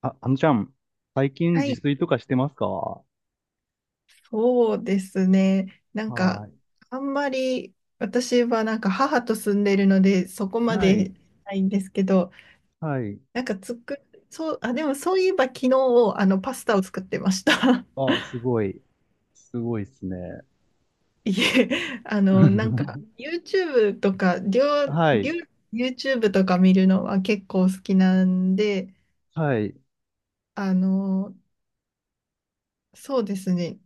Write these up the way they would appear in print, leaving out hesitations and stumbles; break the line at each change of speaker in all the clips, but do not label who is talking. あ、あのちゃん、最近
は
自
い、
炊とかしてますか？は
そうですね。なんか、あんまり私はなんか母と住んでるので、そこ
い。
ま
は
で
い。
ないんですけど、
はい。
なんかつく、そう、あ、でもそういえば昨日、パスタを作ってました。
あ、すごい。すごいっすね。
いえ、なんか、YouTube とか、りょう
は
りょ
い。
う YouTube とか見るのは結構好きなんで、
はい。
あの、そうですね。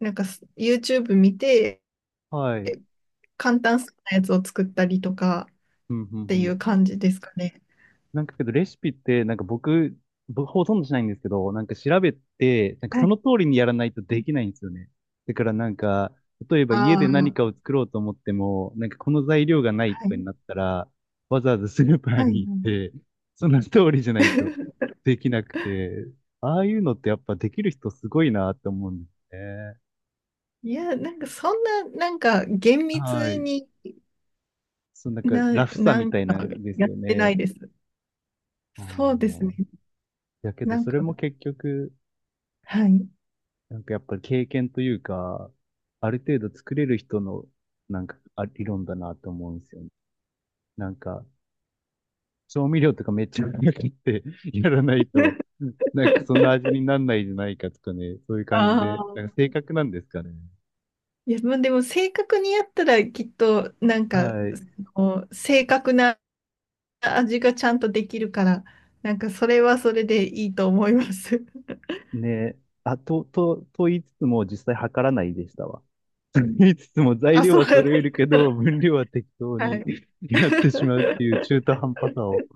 なんか、YouTube 見て、
はい。うん、
簡単そうなやつを作ったりとかっ
うん、う
ていう
ん。
感じですかね。
なんかけどレシピって、なんか僕ほとんどしないんですけど、なんか調べて、なん か
は
そ
い。
の通りにやらないとできないんですよね。だからなんか、例えば家
あ
で何
あ、
かを作ろうと思っても、なんかこの材料がない
は
とかに
い、
なったら、わざわざスーパー
はい、は
に行っ
い。
て、その通りじゃないと できなくて、ああいうのってやっぱできる人すごいなって思うんですね。
いや、なんかそんな、なんか厳
は
密
い。
に
そのなんかラフさ
な
み
ん
たいな
か
んです
やっ
よ
てない
ね。
です。
あ
そうです
あ。
ね。
だけ
な
ど
ん
それ
か、
も結局、
はい。
なんかやっぱり経験というか、ある程度作れる人の、なんか、あ、理論だなと思うんですよね。なんか、調味料とかめっちゃうって やらないと、なんかそん な味になんないじゃないかとかね、そういう感じ
あ
で、なんか
あ。
正確なんですかね。
いや、まあでも正確にやったらきっと、なんか、
はい。
その正確な味がちゃんとできるから、なんかそれはそれでいいと思います。
ね。と言いつつも実際測らないでしたわ。と言いつつも材
あ、
料
そ
は
うなん
揃
で
える
す。
けど、分量は適当
は
に
い。
やってしまうっていう中途 半端さを。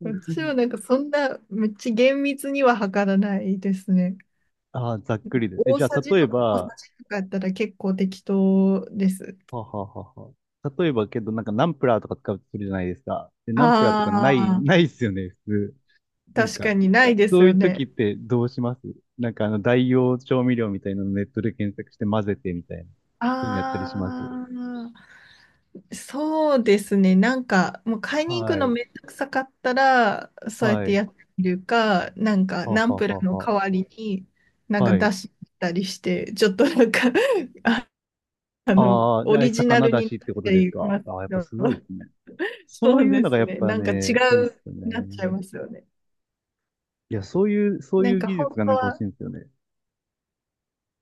私はなんかそんなめっちゃ厳密には測らないですね。
ああ、ざっくりです。え、
大
じゃ
さ
あ、
じ
例え
とか小さ
ば、
じとかやったら結構適当です。
はあはあはあは。例えばけど、なんかナンプラーとか使うとするじゃないですか。で、ナンプラーとかない、
ああ、
ないっすよね、普通。なん
確か
か、
にないです
そうい
よ
う
ね。
時ってどうします？なんかあの、代用調味料みたいなのネットで検索して混ぜてみたいな。そういうのやったりします。
ああ、そうですね。なんかもう買いに行く
は
の
い。
めんどくさかったら、そうやっ
は
て
い。
やってみるか、なんか
はあ
ナ
は
ン
あ
プラー
はあ
の
は
代わりにな
あ。
んか
はい。
出したりして、ちょっとなんか あ、
ああ、で、
オ
あれ
リジナ
魚
ル
だ
に
しっ
なっ
てこと
て
です
い
か。
ます
ああ、やっ
け
ぱすごい
ど。
ですね。そう
そう
いう
で
のが
す
やっ
ね。
ぱ
なんか違
ね、いいっす
う
よ
なっちゃい
ね。
ますよね。
いや、そういう、そう
な
い
ん
う
か
技
本
術が
当
なんか欲し
は、
いんですよね。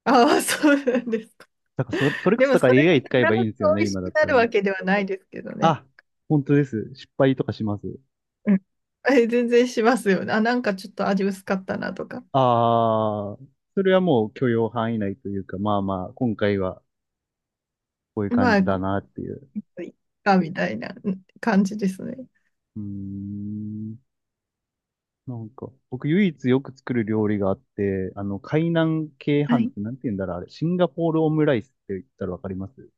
ああ、そうなんですか？
だからそ、それこ
で
そ
も
だか
そ
ら
れが
AI
必
使えばいい
ず
んですよ
美
ね、
味し
今だ
く
っ
な
た
る
らね。
わけではないですけどね。
あ、本当です。失敗とかします。
うん。え、全然しますよね。あ、なんかちょっと味薄かったなとか。
ああ、それはもう許容範囲内というか、まあまあ、今回はこういう感
ま
じ
あ、
だ
こ
なっていう。
ういっかみたいなうん感じですね。
うーん。なんか、僕唯一よく作る料理があって、あの、海南鶏
は
飯っ
い。
てなんて言うんだろう、あれ、シンガポールオムライスって言ったらわかります？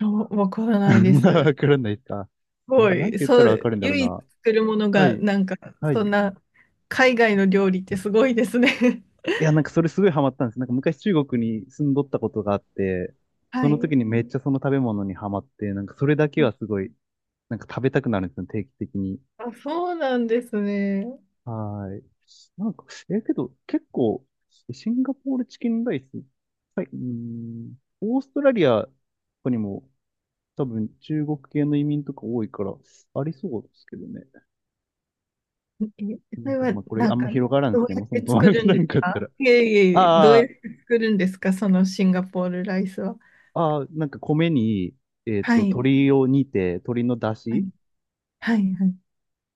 あ、わからないです。
わ
す
からないですか？あ
ご
れ、なんて
い。
言った
そ
らわか
う、
るんだろう
唯一
な。
作るもの
は
が、
い。
なんか、
は
そ
い。
んな、海外の料理ってすごいですね。
いや、なんかそれすごいハマったんです。なんか昔中国に住んどったことがあって、そ
は
の時
い。
にめっちゃその食べ物にハマって、なんかそれだけはすごい、なんか食べたくなるんですよ、定期的に。
あ、そうなんですね。
はーい。なんか、え、けど結構、シンガポールチキンライス、はい、うーん、オーストラリアとかにも多分中国系の移民とか多いから、ありそうですけどね。
え、
すみ
そ
ま
れ
せん。
は
まあこれ
な
あ
ん
ん
か、
ま広がらん
ど
で
う
すね。
や
もう
っ
そも
て
そも
作
話
るん
な
で
ん
す
かあった
か？
ら。
いえいえいえ、どうやっ
あ
て作るんですかそのシンガポールライスは？
ああ、なんか米に、えっ
は
と、
い、
鶏を煮て、鶏の出
は
汁
い、はい、はい。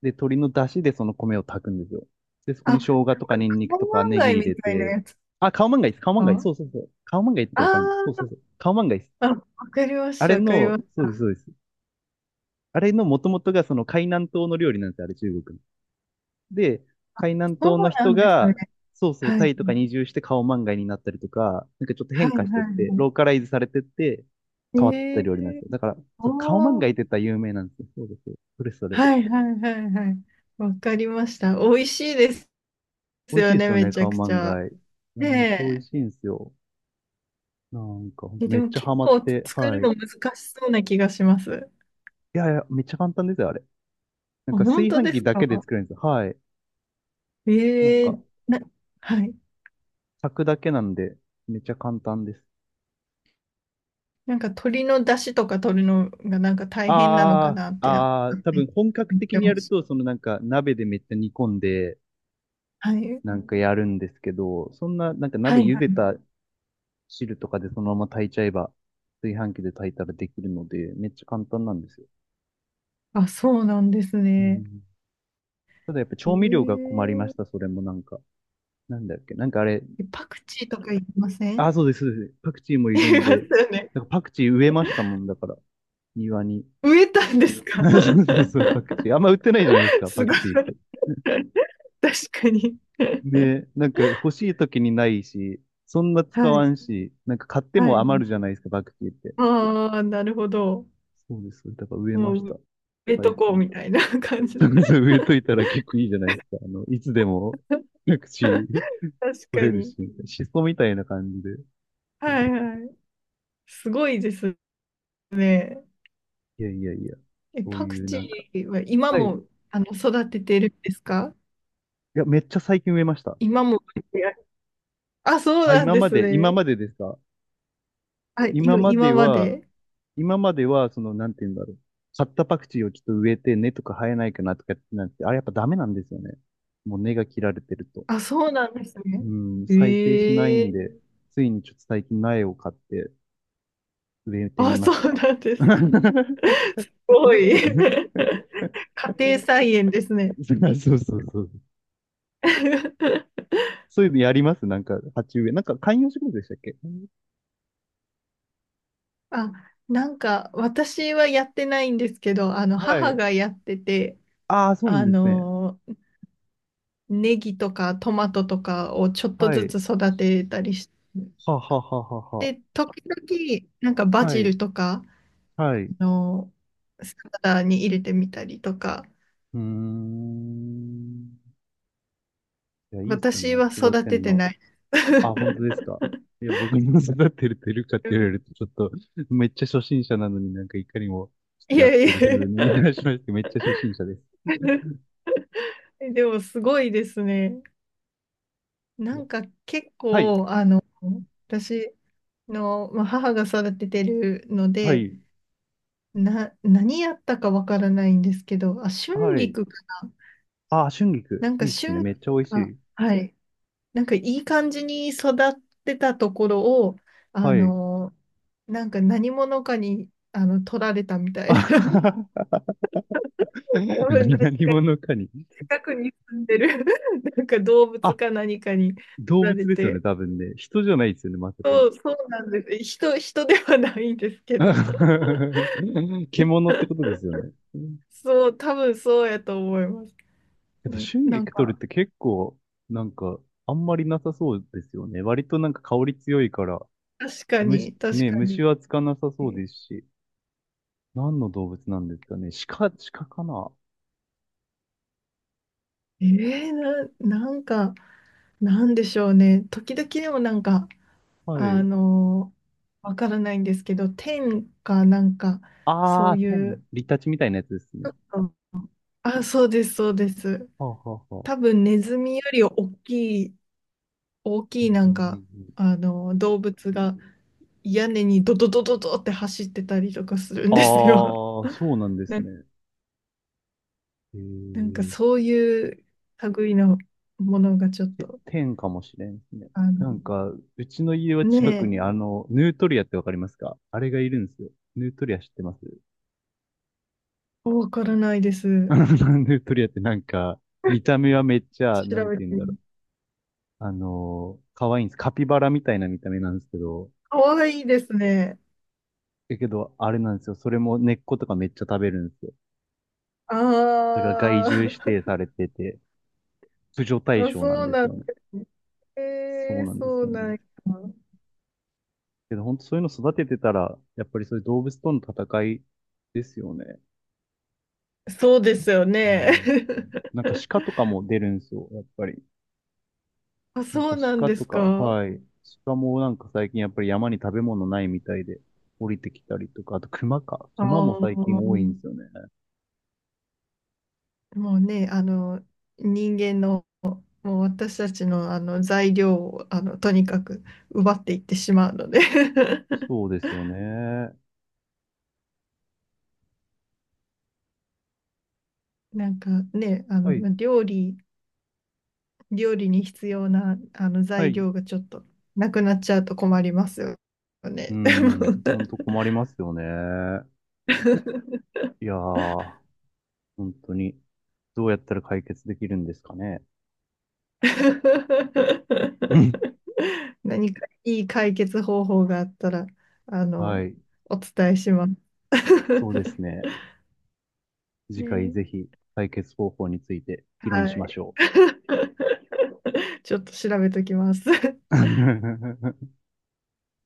で、鶏の出汁でその米を炊くんですよ。で、そこ
あ、な
に
ん
生
か
姜とかニン
カ
ニク
オ
とか
マン
ネ
ガイ
ギ入
み
れ
たいな
て、
やつ
あ、カオマンガイです。カオマンガイ。
か
そうそうそう。カオマンガイって
あ
わかるんですそうそう
ー
そう。カオマンガイです。
あ、わかりまし
あ
た、
れ
わかり
の、
まし
そう
た。
です、そうです。あれの元々がその海南島の料理なんですよ、あれ中国の。で、海南
そう
島の
な
人
んです
が、
ね。
そうそう、
はい、
タイとかに移住して顔漫画になったりとか、なんかちょっと
は
変化
い、
して
はい。
って、ロー
は
カライズされてって、
い
変わってった料理なんですよ。だから、そう顔漫
お
画
ー、
って言ったら有名なんですよ。そうですそれそれ。
はい、はい、はい、はい。わかりました。美味しいです
美味しい
よ
です
ね、
よ
め
ね、
ちゃ
顔
くち
漫
ゃ。
画。いや、
ね
めっちゃ美味
え。
しいんですよ。なんか、ほんと
え、
め
で
っ
も
ちゃ
結
ハマっ
構
て、
作
は
る
い。い
の難しそうな気がします。
やいや、めっちゃ簡単ですよ、あれ。なん
あ、
か
本
炊
当
飯
で
器
す
だけで
か？
作れるんですよ。はい。なん
え
か、
えな、はい。
炊くだけなんで、めっちゃ簡単です。
なんか鶏の出汁とか取るのがなんか大変なのか
あ
なっ
あ、
てなんか
ああ、
勝
多
手
分
に
本格
思っ
的
て
にや
ま
る
した。
と、そのなんか鍋でめっちゃ煮込んで、
はい。
なんかやるんですけど、そんななんか
は
鍋
い
茹
は
で
い。
た汁とかでそのまま炊いちゃえば、炊飯器で炊いたらできるので、めっちゃ簡単なんですよ。
あ、そうなんです
う
ね。
ん、ただやっぱ調味料が
え
困りました、それもなんか。なんだっけ、なんかあれ、
え、パクチーとかいりませ
あ
ん？
あ、そうです、そうです。パクチーも い
い
る
り
ん
ます
で、
よね。
なんかパクチー植えましたもんだから、庭に。
植えたんですか？
そうそうそう、パクチー。あんま売ってないじゃないです か、
す
パ
ご
ク
い。
チーって。
確かに。
ね、なんか欲しい時にないし、そんな使
は
わ
い。
んし、なんか買って
は
も余
い。
るじゃないですか、バクティって。
ああ、なるほど。
そうです。だから植えま
も
し
う、埋
た。
め
最
とこう
近。
みたいな感 じ
そ
で。
うそう植えといたら結構いいじゃないですか。あの、いつでも、各地
確
取
か
れる
に。
し、シソみたいな感じで。
はいはい。すごいです。
いやいやいや、
え、
そう
パク
いう
チ
なんか。
ーは今
はい。い
も、育ててるんですか
や、めっちゃ最近植えました。
今も？あ、そう
あ、
なん
今
で
ま
す
で、今
ね。
までですか？
あ、
今まで
今ま
は、
で。
今までは、その、なんて言うんだろう。買ったパクチーをちょっと植えて根とか生えないかなとかやってなって、あれやっぱダメなんですよね。もう根が切られてると。
あ、そうなんです
う
ね。
ん、再生しない
え
んで、
え、
ついにちょっと最近苗を買って植えてみ
あ、
ま
そ
し
う
た。
なんですか？すごい。家庭菜園ですね。
そうそうそうそう。そういうのやりますなんか、鉢植え。なんか、観葉植物でしたっけ？
あ、なんか私はやってないんですけど、あの
は
母
い。
がやってて、
ああ、そうなん
あ
ですね。
の、ネギとかトマトとかをちょっと
は
ず
い。
つ育てたりして、
はあはあはあは
で時々、なんか
あ
バ
はあ。は
ジ
い。
ルとか、
はい。う
の、サラダに入れてみたりとか、
ーん。いや、いいっすよね。
私
なん
は
か育
育
て
て
ん
て
の。
ない。
あ、本当ですか。いや、僕の育ってるてるかって言われると、ちょっと、めっちゃ初心者なのになんかいかにも
い
やっ
やい
てる風にい
や
らっしゃいまして、めっちゃ初心者です。
でもすごいですね。
い
な
や
んか結
はい、
構、私の、まあ、母が育ててるの
は
で、
い、
何やったかわからないんですけど、あ、春
はい。
菊か
あ、春
な
菊、
ん
い
か
いっすね。めっちゃ美味し
あ、
い。
はい。なんかいい感じに育ってたところを、あ
はい。
の、なんか何者かに、取られたみたいな。
あ
多分ね、
何者かに。
近くに住んでる なんか動物
あ、
か何かに取
動
られ
物ですよね、
て、
多分ね。人じゃないですよね、まさかの。
そう、そうなんです。人ではないんですけど、
獣ってことですよね。
そう、多分そうやと思います。
け
う
ど、
ん、
春
なん
菊取る
か、
って結構、なんか、あんまりなさそうですよね。割となんか香り強いから、
確か
虫、
に、確
ね、
か
虫
に。
はつかなさそう
え
ですし、何の動物なんですかね。鹿、鹿かな？
ー、なんか、なんでしょうね。時々でもなんか、
は
あ
い。
の、わからないんですけど、天かなんか、そ
あ
う
ー、
い
天、
う、
リタチみたいなやつですね。
うん、あ、そうです、そうです。
はあ、はあ、は
多
あ。
分ネズミより大
う
きい
ん
な
うん
ん
うん
か、
うん、
動物が屋根にドドドドドって走ってたりとかするん
あ
ですよ。
ー、そうなんです
な、
ね。へ
なんか
ー
そういう類のものがちょっ
え、
と、
天かもしれんですね。
あの、
なんか、うちの家は近く
ね
にあの、ヌートリアってわかりますか？あれがいるんですよ。ヌートリア知ってます？
え、わからないです。
なんでトリアってなんか、見た目はめっちゃ、
調
なんて
べ
言う
て
んだろ
み、
う。あのー可愛いんです。カピバラみたいな見た目なんですけど、
かわいいですね。
だけど、あれなんですよ。それも根っことかめっちゃ食べるんですよ。
あ
それが害獣指定
あ。
されてて、駆除対
あ、
象なん
そう
です
なん
よ
で
ね。
すね。
そうなんです、
そ
そ
う
うなん
な
です。
ん。
けど、本当そういうの育ててたら、やっぱりそういう動物との戦いですよね。
そうですよ
う
ね。
ん。なんか鹿とかも出るんですよ、やっぱり。
あ、
なん
そ
か
うなん
鹿
で
と
す
か、
か？
はい。鹿もなんか最近やっぱり山に食べ物ないみたいで降りてきたりとか、あと熊か。
あ
熊
あ、
も最近多いん
も
ですよね。
うね、人間の、もう私たちの、あの材料を、とにかく奪っていってしまうので
そうですよね。
なんかね、
はい、
料理に必要な、
は
材
い。
料がちょっとなくなっちゃうと困りますよ
う
ね。でも
ん、ほんと困りますよね。いやー、本当に、どうやったら解決できるんですかね。うん、
何かいい解決方法があったら、あ
は
の、
い、
お伝えします。
そうです ね。次回
ね、
ぜひ解決方法について議論
は
しまし
い。
ょ
ちょっと調べときます。
う。